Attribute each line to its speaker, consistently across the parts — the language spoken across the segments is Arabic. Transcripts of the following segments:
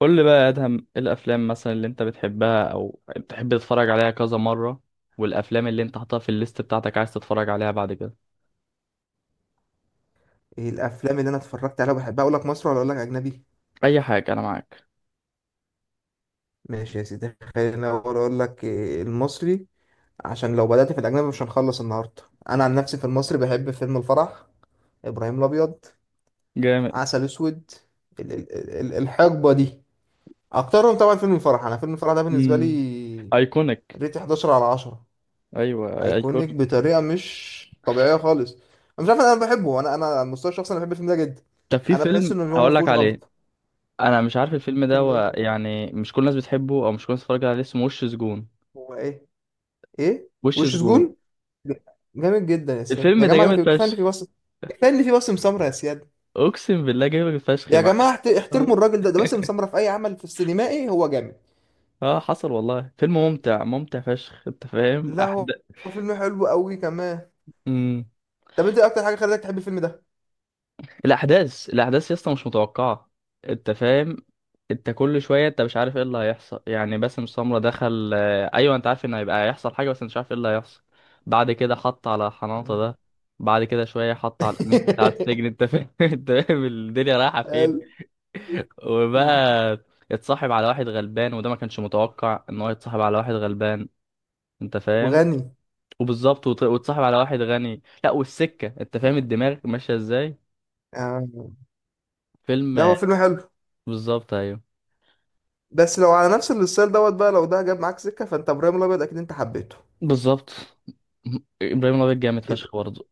Speaker 1: قول لي بقى يا ادهم، ايه الافلام مثلا اللي انت بتحبها او بتحب تتفرج عليها كذا مره، والافلام اللي انت حاططها في الليست بتاعتك عايز تتفرج عليها بعد كده؟
Speaker 2: ايه الافلام اللي انا اتفرجت عليها وبحبها؟ اقول لك مصري ولا اقول لك اجنبي؟
Speaker 1: اي حاجه، انا معاك.
Speaker 2: ماشي يا سيدي، خلينا أقول لك إيه المصري، عشان لو بدأت في الاجنبي مش هنخلص النهارده. انا عن نفسي في المصري بحب فيلم الفرح، ابراهيم الابيض،
Speaker 1: جامد.
Speaker 2: عسل اسود، ال- ال- الحقبه دي. اكترهم طبعا فيلم الفرح. انا فيلم الفرح ده بالنسبه
Speaker 1: امم
Speaker 2: لي
Speaker 1: ايكونيك.
Speaker 2: ريت 11 على 10.
Speaker 1: ايوه،
Speaker 2: ايكونيك
Speaker 1: ايكونيك.
Speaker 2: بطريقه مش طبيعيه خالص. انا مش عارف، انا بحبه، انا على المستوى الشخصي انا بحب الفيلم ده جدا.
Speaker 1: طب في
Speaker 2: انا بحس
Speaker 1: فيلم
Speaker 2: ان هو ما
Speaker 1: هقول لك
Speaker 2: فيهوش
Speaker 1: عليه،
Speaker 2: غلطه.
Speaker 1: انا مش عارف الفيلم ده
Speaker 2: فيلم ايه؟
Speaker 1: يعني مش كل الناس بتحبه او مش كل الناس بتتفرج عليه، اسمه وش سجون.
Speaker 2: هو ايه؟ ايه؟
Speaker 1: وش
Speaker 2: وش
Speaker 1: سجون.
Speaker 2: سجون؟ جامد جدا يا سياد.
Speaker 1: الفيلم
Speaker 2: يا
Speaker 1: ده
Speaker 2: جماعه ده
Speaker 1: جامد
Speaker 2: في كفايه ان
Speaker 1: فشخ.
Speaker 2: في باسم، كفايه ان في باسم سمره يا سياد.
Speaker 1: اقسم بالله جامد فشخ،
Speaker 2: يا
Speaker 1: معلش.
Speaker 2: جماعه احترموا الراجل ده، ده باسم سمره، في اي عمل في السينمائي هو جامد.
Speaker 1: اه، حصل والله، فيلم ممتع ممتع فشخ، انت فاهم
Speaker 2: لا هو،
Speaker 1: احداث.
Speaker 2: هو فيلم حلو قوي كمان.
Speaker 1: امم
Speaker 2: طب انت إيه اكتر حاجه خلتك تحب الفيلم ده؟
Speaker 1: الاحداث يا اسطى مش متوقعه، انت فاهم. انت كل شويه انت مش عارف ايه اللي هيحصل، يعني باسم سمره دخل ايوه، انت عارف ان هيبقى هيحصل حاجه بس مش عارف ايه اللي هيحصل. بعد كده حط على حناطه ده، بعد كده شويه حط على الامين بتاع السجن، انت فاهم؟ انت فاهم الدنيا رايحه فين.
Speaker 2: حلو.
Speaker 1: وبقى اتصاحب على واحد غلبان، وده ما كانش متوقع ان هو يتصاحب على واحد غلبان، انت فاهم.
Speaker 2: وغني.
Speaker 1: وبالظبط وتصاحب على واحد غني، لا، والسكه، انت فاهم الدماغ ماشيه ازاي.
Speaker 2: آه.
Speaker 1: فيلم
Speaker 2: لا هو فيلم حلو،
Speaker 1: بالظبط، ايوه.
Speaker 2: بس لو على نفس الستايل دوت بقى، لو ده جاب معاك سكه فانت ابراهيم الابيض اكيد انت حبيته.
Speaker 1: بالظبط، ابراهيم الابيض جامد فشخ
Speaker 2: يبقى
Speaker 1: برضه.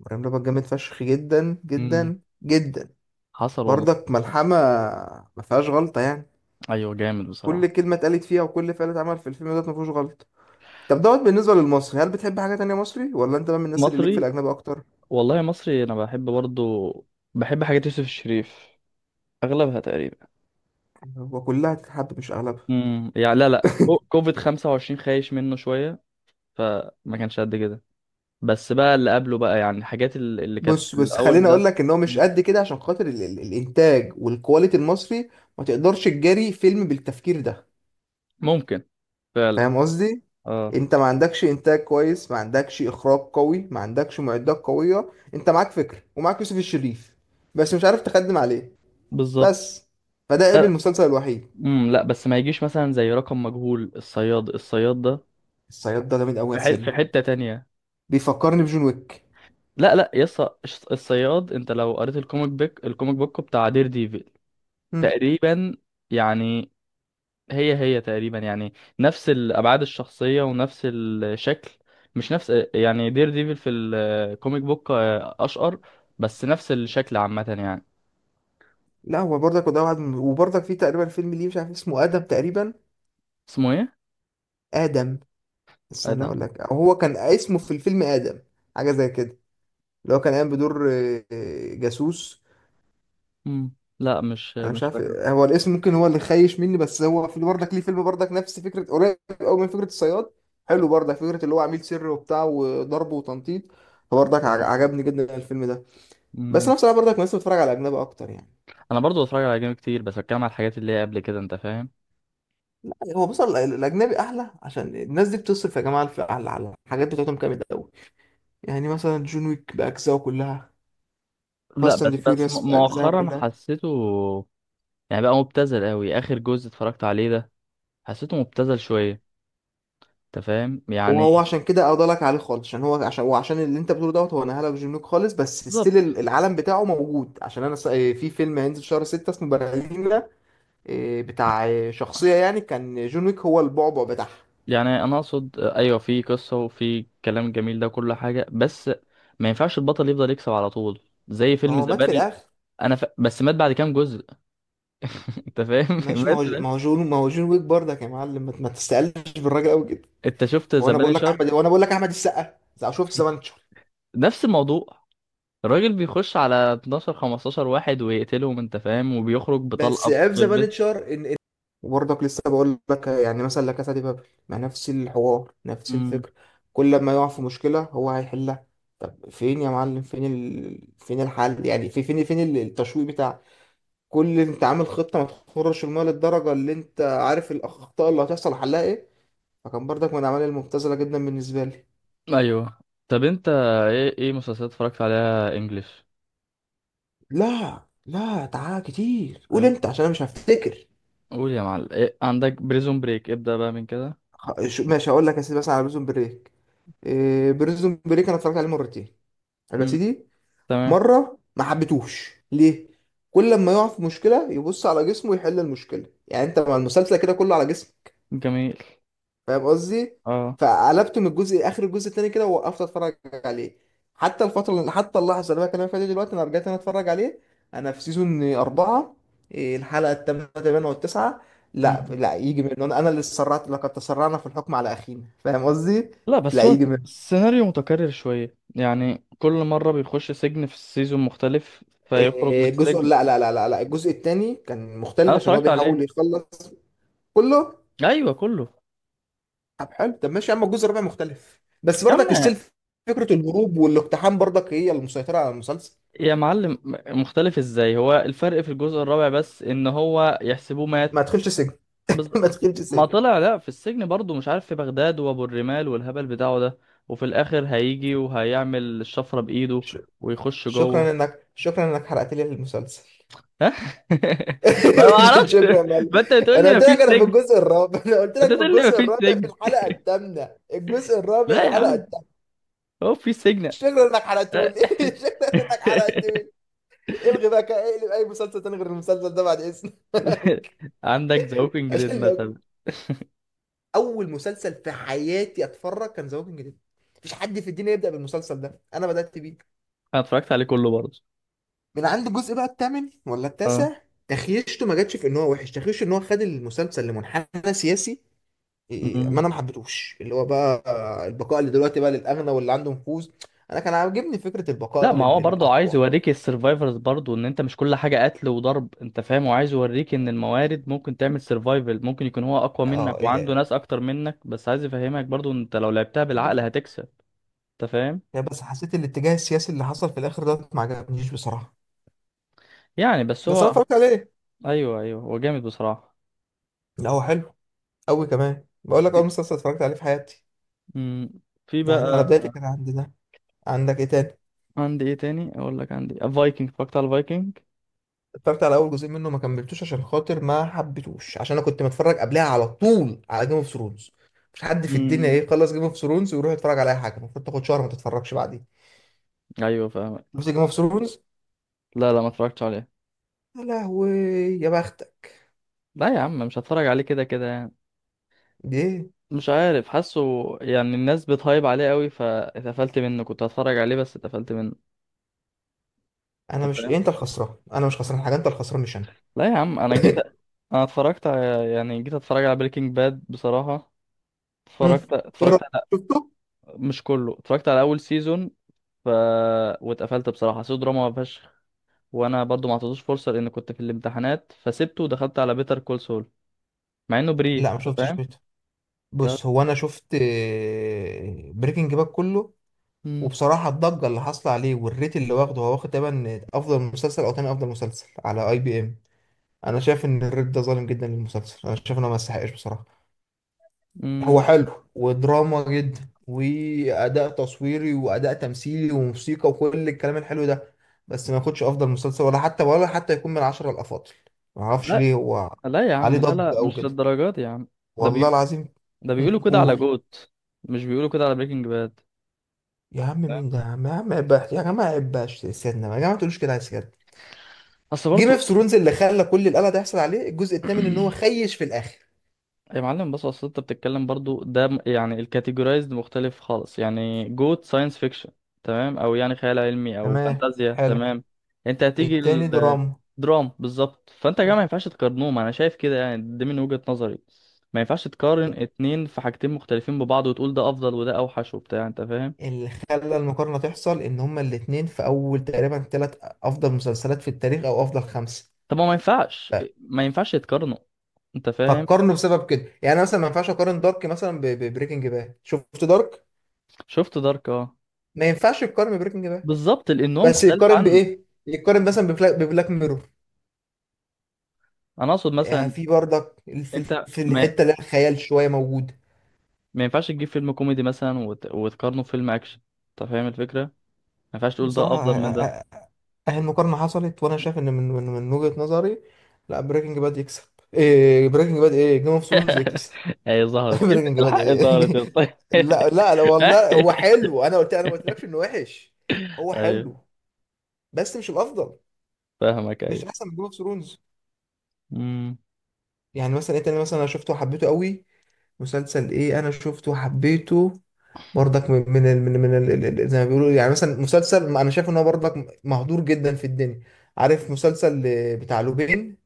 Speaker 2: ابراهيم الابيض جامد فشخ جدا
Speaker 1: امم
Speaker 2: جدا جدا.
Speaker 1: حصل والله.
Speaker 2: برضك ملحمه، ما فيهاش غلطه يعني.
Speaker 1: ايوه، جامد
Speaker 2: كل
Speaker 1: بصراحه.
Speaker 2: كلمة اتقالت فيها وكل فعل اتعمل في الفيلم دوت مفيهوش غلط. طب دوت بالنسبة للمصري، هل بتحب حاجة تانية مصري ولا انت بقى من الناس اللي ليك في
Speaker 1: مصري،
Speaker 2: الأجنبي أكتر؟
Speaker 1: والله مصري انا بحب برضه. بحب حاجات يوسف الشريف، اغلبها تقريبا.
Speaker 2: وكلها تتحب مش أغلبها.
Speaker 1: يعني لا لا، كوفيد 25 خايش منه شويه، فما كانش قد كده. بس بقى اللي قبله بقى، يعني الحاجات اللي كانت
Speaker 2: بص
Speaker 1: في
Speaker 2: بص،
Speaker 1: الاول
Speaker 2: خليني أقول
Speaker 1: بتاع.
Speaker 2: لك إن هو مش
Speaker 1: مم.
Speaker 2: قد كده عشان خاطر ال ال الإنتاج والكواليتي المصري. ما تقدرش تجاري فيلم بالتفكير ده.
Speaker 1: ممكن. فعلا.
Speaker 2: فاهم قصدي؟
Speaker 1: اه،
Speaker 2: أنت ما عندكش إنتاج كويس، ما عندكش إخراج قوي، ما عندكش معدات قوية، أنت معاك فكرة ومعاك يوسف الشريف، بس مش عارف تخدم عليه.
Speaker 1: بالظبط.
Speaker 2: بس فده عيب
Speaker 1: لا.
Speaker 2: المسلسل الوحيد.
Speaker 1: لا، بس ما يجيش مثلا زي رقم مجهول، الصياد، الصياد ده. ح-
Speaker 2: الصياد ده جامد قوي يا
Speaker 1: في
Speaker 2: سياد،
Speaker 1: حته تانية.
Speaker 2: بيفكرني بجون ويك.
Speaker 1: لا لا يس. الصياد، انت لو قريت الكوميك بيك، الكوميك بوك بتاع دير ديفل،
Speaker 2: مم.
Speaker 1: تقريبا يعني. هي تقريبا يعني، نفس الابعاد الشخصيه ونفس الشكل. مش نفس، يعني دير ديفل في الكوميك بوك اشقر، بس نفس الشكل عامه يعني.
Speaker 2: لا هو برضك، وده واحد وبرضك في تقريبا فيلم ليه مش عارف اسمه، آدم تقريبا.
Speaker 1: اسمه ايه؟
Speaker 2: آدم، استنى
Speaker 1: ادم.
Speaker 2: اقول لك، أو هو كان اسمه في الفيلم آدم، حاجة زي كده، اللي هو كان قايم بدور جاسوس.
Speaker 1: لا، مش
Speaker 2: انا مش
Speaker 1: مش
Speaker 2: عارف
Speaker 1: فاكره.
Speaker 2: هو الاسم، ممكن هو اللي خايش مني، بس هو في برضك ليه فيلم برضك نفس فكرة، قريب قوي من فكرة الصياد. حلو برضك فكرة اللي هو عميل سري وبتاع وضرب وتنطيط، فبرضك
Speaker 1: آه.
Speaker 2: عجبني جدا الفيلم ده. بس
Speaker 1: مم.
Speaker 2: انا بصراحة برضك نفسي بتفرج على أجنبي اكتر يعني.
Speaker 1: انا برضو بتفرج على جيم كتير، بس بتكلم على الحاجات اللي هي قبل كده، انت فاهم.
Speaker 2: لا، هو بص، الاجنبي احلى عشان الناس دي بتصرف يا جماعه في على على الحاجات بتاعتهم جامد قوي. يعني مثلا جون ويك باجزائه كلها،
Speaker 1: لا،
Speaker 2: فاست اند فيوريوس باجزائها
Speaker 1: مؤخرا
Speaker 2: كلها.
Speaker 1: حسيته، يعني بقى مبتذل قوي اخر جزء اتفرجت عليه ده، حسيته مبتذل شويه، انت فاهم
Speaker 2: وهو
Speaker 1: يعني.
Speaker 2: عشان كده اضلك عليه خالص، عشان هو عشان اللي انت بتقوله دوت، هو نهالك جون ويك خالص بس ستيل
Speaker 1: بالظبط.
Speaker 2: العالم بتاعه موجود، عشان انا في فيلم هينزل شهر 6 اسمه برلينا. بتاع شخصيه يعني كان جون ويك هو البعبع بتاعها.
Speaker 1: يعني انا اقصد ايوه، في قصه وفي كلام جميل ده، كل حاجه، بس ما ينفعش البطل يفضل يكسب على طول، زي
Speaker 2: ما
Speaker 1: فيلم
Speaker 2: هو
Speaker 1: ذا
Speaker 2: مات في
Speaker 1: بان.
Speaker 2: الاخر.
Speaker 1: بس مات بعد كام جزء. انت فاهم
Speaker 2: ماشي، ما هو
Speaker 1: مات مات.
Speaker 2: ما هو جون ويك برضك يا معلم، ما تستقلش بالراجل قوي.
Speaker 1: انت شفت ذا بانشر؟
Speaker 2: هو انا بقول لك احمد السقا، شفت ذا بانشر؟
Speaker 1: نفس الموضوع. الراجل بيخش على 12 15 واحد ويقتلهم، انت فاهم، وبيخرج
Speaker 2: بس
Speaker 1: بطلقه
Speaker 2: في
Speaker 1: في
Speaker 2: ذا
Speaker 1: البيت.
Speaker 2: بانشر ان. وبرضك لسه بقول لك، يعني مثلا لا كاسا دي بابل، مع نفس الحوار نفس
Speaker 1: أمم،
Speaker 2: الفكر، كل ما يقع في مشكله هو هيحلها. طب فين يا معلم، فين الحل يعني؟ في فين التشويق بتاع كل انت عامل خطه ما تخرش الميه للدرجه اللي انت عارف الاخطاء اللي هتحصل، حلها ايه؟ فكان برضك من الاعمال المبتذله جدا بالنسبه لي.
Speaker 1: ايوه. طب انت ايه مسلسلات اتفرجت عليها انجلش؟
Speaker 2: لا لا تعال كتير، قول انت عشان انا مش هفتكر.
Speaker 1: قول يا معلم، إيه عندك؟ بريزون بريك، ابدأ بقى من كده.
Speaker 2: ماشي هقول لك يا سيدي، مثلا على بريزون بريك. إيه بريزون بريك، انا اتفرجت عليه مرتين. حلو يا
Speaker 1: مم.
Speaker 2: سيدي،
Speaker 1: تمام.
Speaker 2: مره ما حبيتهوش ليه، كل لما يقع في مشكله يبص على جسمه يحل المشكله، يعني انت مع المسلسل كده كله على جسمه.
Speaker 1: جميل.
Speaker 2: فاهم قصدي؟
Speaker 1: اه.
Speaker 2: فقلبت من الجزء اخر الجزء التاني كده ووقفت اتفرج عليه. حتى الفتره، حتى اللحظه اللي انا بكلمك فيها دي دلوقتي، انا رجعت انا اتفرج عليه، انا في سيزون اربعه، الحلقه الثامنه تقريبا والتسعه. لا
Speaker 1: مم.
Speaker 2: لا، يجي من انا، اللي تسرعت، لقد تسرعنا في الحكم على اخينا. فاهم قصدي؟
Speaker 1: لا بس
Speaker 2: لا
Speaker 1: هو
Speaker 2: يجي من
Speaker 1: السيناريو متكرر شوية، يعني كل مرة بيخش سجن في السيزون مختلف فيخرج من
Speaker 2: الجزء،
Speaker 1: السجن.
Speaker 2: لا لا لا لا لا الجزء الثاني كان مختلف
Speaker 1: انا
Speaker 2: عشان هو
Speaker 1: اتفرجت عليه.
Speaker 2: بيحاول يخلص كله.
Speaker 1: ايوه كله.
Speaker 2: طب حلو، طب ماشي يا عم، الجزء الرابع مختلف بس برضك
Speaker 1: اما
Speaker 2: السيلف، فكرة الهروب والاقتحام برضك هي المسيطرة على المسلسل.
Speaker 1: يا معلم، مختلف ازاي؟ هو الفرق في الجزء الرابع بس ان هو يحسبوه مات.
Speaker 2: ما تدخلش سجن.
Speaker 1: بز...
Speaker 2: ما تدخلش
Speaker 1: ما
Speaker 2: سجن.
Speaker 1: طلع لا في السجن برضه، مش عارف في بغداد وابو الرمال والهبل بتاعه ده، وفي الاخر هيجي وهيعمل الشفرة بايده
Speaker 2: ش-
Speaker 1: ويخش جوه.
Speaker 2: شكرا انك حرقت لي المسلسل.
Speaker 1: ها؟ ما اعرفش.
Speaker 2: شكرا يا معلم.
Speaker 1: ما انت بتقول
Speaker 2: انا
Speaker 1: لي
Speaker 2: قلت
Speaker 1: مفيش
Speaker 2: لك انا في
Speaker 1: سجن ما
Speaker 2: الجزء الرابع، انا قلت
Speaker 1: انت
Speaker 2: لك في
Speaker 1: بتقول لي
Speaker 2: الجزء
Speaker 1: مفيش
Speaker 2: الرابع في
Speaker 1: سجن.
Speaker 2: الحلقه الثامنه، الجزء الرابع
Speaker 1: لا يا
Speaker 2: الحلقه
Speaker 1: عم،
Speaker 2: الثامنه.
Speaker 1: هو في سجن.
Speaker 2: شكرا انك حرقته لي. شكرا انك حرقته لي. الغي بقى كده، اقلب اي مسلسل تاني غير المسلسل ده بعد اذنك.
Speaker 1: عندك ذا ووكينج ديد
Speaker 2: عشان لو،
Speaker 1: مثلا.
Speaker 2: اول مسلسل في حياتي اتفرج كان ذا ووكينج ديد، مفيش حد في الدنيا يبدا بالمسلسل ده، انا بدات بيه.
Speaker 1: انا اتفرجت عليه كله برضه.
Speaker 2: من عند الجزء بقى الثامن ولا
Speaker 1: اه.
Speaker 2: التاسع، تخيشته، ما جاتش في ان هو وحش، تخيشته ان هو خد المسلسل لمنحنى سياسي. إيه، إيه، ما انا ما حبيتهوش اللي هو بقى البقاء اللي دلوقتي بقى للاغنى واللي عنده نفوذ. انا كان عاجبني فكره
Speaker 1: لا
Speaker 2: البقاء
Speaker 1: ما هو برضه عايز
Speaker 2: للاقوى.
Speaker 1: يوريك السرفايفرز برضه ان انت مش كل حاجه قتل وضرب، انت فاهم، وعايز يوريك ان الموارد ممكن تعمل سرفايفل، ممكن يكون هو اقوى منك
Speaker 2: اه ال-
Speaker 1: وعنده ناس اكتر منك، بس عايز يفهمك برضه ان انت لو لعبتها
Speaker 2: عارف،
Speaker 1: بالعقل هتكسب. انت فاهم
Speaker 2: بس حسيت الاتجاه السياسي اللي حصل في الاخر ده ما عجبنيش بصراحه.
Speaker 1: يعني. بس
Speaker 2: بس انا
Speaker 1: هو.
Speaker 2: اتفرجت عليه.
Speaker 1: ايوه ايوه، هو جامد بصراحه.
Speaker 2: لا هو حلو قوي كمان، بقول لك اول
Speaker 1: في.
Speaker 2: مسلسل اتفرجت عليه في حياتي،
Speaker 1: مم. في
Speaker 2: يعني انا
Speaker 1: بقى.
Speaker 2: بدايتي كانت عند ده. عندك ايه تاني؟
Speaker 1: عندي ايه تاني، اقول لك عندي فايكنج، اتفرجت على الفايكنج.
Speaker 2: اتفرجت على اول جزئين منه ما كملتوش عشان خاطر ما حبيتوش، عشان انا كنت متفرج قبلها على طول على جيم اوف ثرونز، مش حد في الدنيا
Speaker 1: امم
Speaker 2: يخلص جيم اوف ثرونز ويروح يتفرج على اي حاجه، المفروض تاخد شهر ما تتفرجش بعدين،
Speaker 1: ايوه،
Speaker 2: بس
Speaker 1: فاهمك.
Speaker 2: جيم اوف ثرونز.
Speaker 1: لا لا، ما اتفرجتش عليه.
Speaker 2: يا لهوي، يا بختك.
Speaker 1: لا يا عم، مش هتفرج عليه كده كده يعني.
Speaker 2: دي ايه.
Speaker 1: مش عارف، حاسه يعني الناس بتهايب عليه قوي فاتقفلت منه، كنت هتفرج عليه بس اتقفلت منه.
Speaker 2: انا
Speaker 1: انت
Speaker 2: مش،
Speaker 1: فاهم.
Speaker 2: انت الخسران، انا مش خسران حاجه، انت الخسران مش انا.
Speaker 1: لا يا عم، انا جيت، انا اتفرجت على، يعني جيت اتفرج على بريكنج باد بصراحة.
Speaker 2: مم.
Speaker 1: اتفرجت
Speaker 2: ايه رايك؟
Speaker 1: اتفرجت على،
Speaker 2: شفته؟
Speaker 1: مش كله، اتفرجت على اول سيزون، ف، واتقفلت بصراحة، حسيته دراما فشخ، وانا برضو ما اعطيتوش فرصة لان كنت في الامتحانات، فسبته ودخلت على بيتر كول سول، مع انه بري،
Speaker 2: لا ما
Speaker 1: انت
Speaker 2: شفتش
Speaker 1: فاهم.
Speaker 2: بيته.
Speaker 1: لا.
Speaker 2: بص هو انا شفت بريكنج باك كله،
Speaker 1: مم.
Speaker 2: وبصراحه الضجه اللي حاصله عليه والريت اللي واخده، هو واخد تقريبا افضل مسلسل او تاني افضل مسلسل على اي بي ام. انا شايف ان الريد ده ظالم جدا للمسلسل، انا شايف انه ما يستحقش بصراحه. هو
Speaker 1: مم.
Speaker 2: حلو ودراما جدا، واداء تصويري واداء تمثيلي وموسيقى وكل الكلام الحلو ده، بس ما ياخدش افضل مسلسل ولا حتى، يكون من العشرة الافاضل. ما اعرفش
Speaker 1: لا
Speaker 2: ليه هو
Speaker 1: لا يا
Speaker 2: عليه
Speaker 1: عم، لا لا،
Speaker 2: ضجه او
Speaker 1: مش
Speaker 2: كده.
Speaker 1: للدرجات يا عم. ده
Speaker 2: والله العظيم.
Speaker 1: ده
Speaker 2: هم،
Speaker 1: بيقولوا كده على
Speaker 2: قول.
Speaker 1: جوت، مش بيقولوا كده على بريكنج باد.
Speaker 2: يا عم
Speaker 1: لا.
Speaker 2: مين ده يا عم، يا عم عباش يا جماعه، عباش سيادنا يا جماعه، ما تقولوش كده على سيادنا.
Speaker 1: اصل
Speaker 2: جيم
Speaker 1: برضو.
Speaker 2: اوف ثرونز اللي خلى كل القلق ده يحصل عليه الجزء الثامن، ان هو خيش في الاخر.
Speaker 1: يا معلم بص، اصل انت بتتكلم برضو ده يعني الكاتيجورايزد مختلف خالص، يعني جوت ساينس فيكشن، تمام، او يعني خيال علمي او
Speaker 2: تمام،
Speaker 1: فانتازيا،
Speaker 2: حلو.
Speaker 1: تمام. انت هتيجي
Speaker 2: التاني دراما،
Speaker 1: الدراما بالظبط، فانت يا جماعه ما ينفعش تقارنهم، انا شايف كده يعني، دي من وجهة نظري. ما ينفعش تقارن اتنين في حاجتين مختلفين ببعض وتقول ده افضل وده اوحش وبتاع، انت فاهم.
Speaker 2: اللي خلى المقارنة تحصل إن هما الاتنين في أول تقريبا تلات أفضل مسلسلات في التاريخ أو أفضل خمسة.
Speaker 1: طب ما ما ينفعش
Speaker 2: ف-
Speaker 1: ما ينفعش يتقارنوا، انت فاهم.
Speaker 2: فقارنوا بسبب كده يعني. أنا مثلا ما ينفعش أقارن دارك مثلا ببريكنج باد، شفت دارك؟
Speaker 1: شفت دارك، اه.
Speaker 2: ما ينفعش يقارن ببريكنج باد،
Speaker 1: بالظبط، لان هو
Speaker 2: بس
Speaker 1: مختلف
Speaker 2: يقارن
Speaker 1: عنه.
Speaker 2: بإيه؟ يقارن مثلا ببلاك ميرور،
Speaker 1: انا اقصد
Speaker 2: يعني
Speaker 1: مثلا،
Speaker 2: في برضك في
Speaker 1: انت
Speaker 2: في
Speaker 1: ما,
Speaker 2: الحتة اللي هي الخيال شوية موجود.
Speaker 1: ما ينفعش تجيب فيلم كوميدي مثلا وتقارنه بفيلم اكشن، انت فاهم الفكره، ما ينفعش تقول ده
Speaker 2: بصراحة،
Speaker 1: افضل من ده.
Speaker 2: أ- أ- أهي المقارنة حصلت، وأنا شايف إن من وجهة نظري لا، بريكنج باد يكسب، إيه بريكنج باد، إيه جيم اوف ثرونز يكسب.
Speaker 1: هي ظهرت كلمه
Speaker 2: بريكنج باد
Speaker 1: الحق،
Speaker 2: ايه.
Speaker 1: ظهرت يا اسطى.
Speaker 2: لا لا لا والله هو حلو، انا قلت ما قلتلكش انه وحش. هو
Speaker 1: ايوه،
Speaker 2: حلو بس مش الافضل،
Speaker 1: فاهمك.
Speaker 2: مش
Speaker 1: ايوه.
Speaker 2: احسن من جيم اوف ثرونز.
Speaker 1: امم
Speaker 2: يعني مثلا ايه تاني مثلا انا شفته وحبيته قوي؟ مسلسل ايه انا شفته وحبيته؟ برضك من من ال- من, من ال- ال- ال- زي ما بيقولوا، يعني مثلا مسلسل ما انا شايف ان هو برضك مهدور جدا في الدنيا. عارف مسلسل بتاع لوبين؟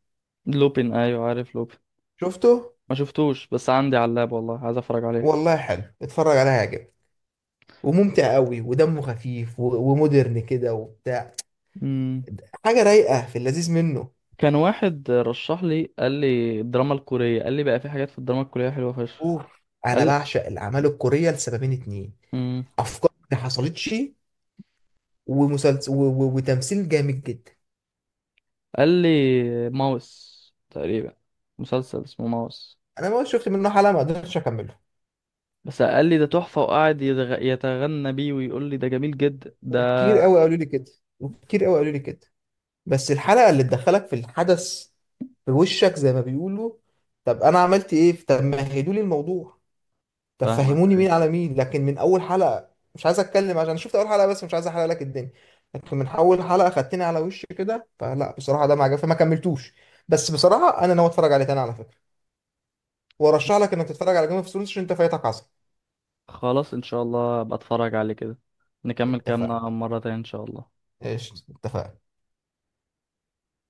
Speaker 1: لوبين، ايوه عارف لوبين.
Speaker 2: شفته؟
Speaker 1: ما شفتوش، بس عندي على اللاب والله، عايز اتفرج عليه.
Speaker 2: والله حلو، اتفرج عليه هيعجبك، وممتع قوي ودمه خفيف ومودرن كده وبتاع،
Speaker 1: امم
Speaker 2: حاجه رايقه في اللذيذ منه.
Speaker 1: كان واحد رشح لي، قال لي الدراما الكوريه، قال لي بقى في حاجات في الدراما الكوريه حلوه فشخ.
Speaker 2: اوف. انا
Speaker 1: قال
Speaker 2: بعشق الاعمال الكوريه لسببين اتنين،
Speaker 1: لي،
Speaker 2: افكار ما حصلتش، ومسلسل وتمثيل جامد جدا.
Speaker 1: قال لي ماوس تقريبا، مسلسل اسمه ماوس.
Speaker 2: انا ما شفت منه حلقه، ما قدرتش اكمله.
Speaker 1: بس قال لي ده تحفة، وقعد يتغنى بيه ويقول لي ده جميل جدا ده.
Speaker 2: وكتير قوي قالوا لي كده، وكتير قوي قالوا لي كده، بس الحلقه اللي تدخلك في الحدث في وشك زي ما بيقولوا. طب انا عملت ايه؟ طب مهدوا لي الموضوع، طب
Speaker 1: فاهمك،
Speaker 2: فهموني
Speaker 1: أيوة.
Speaker 2: مين على مين، لكن من اول حلقه مش عايز اتكلم عشان شفت اول حلقه بس مش عايز احرق لك الدنيا. لكن من اول حلقه خدتني على وش كده، فلا بصراحه ده ما عجبني فما كملتوش. بس بصراحه انا ناوي اتفرج عليه تاني على فكره. وارشح لك انك تتفرج على جيم اوف ثرونز عشان انت فايتك عصر.
Speaker 1: خلاص ان شاء الله، ابقى اتفرج عليه كده. نكمل كلامنا
Speaker 2: اتفقنا.
Speaker 1: مرة تانية ان شاء الله.
Speaker 2: ايش اتفقنا.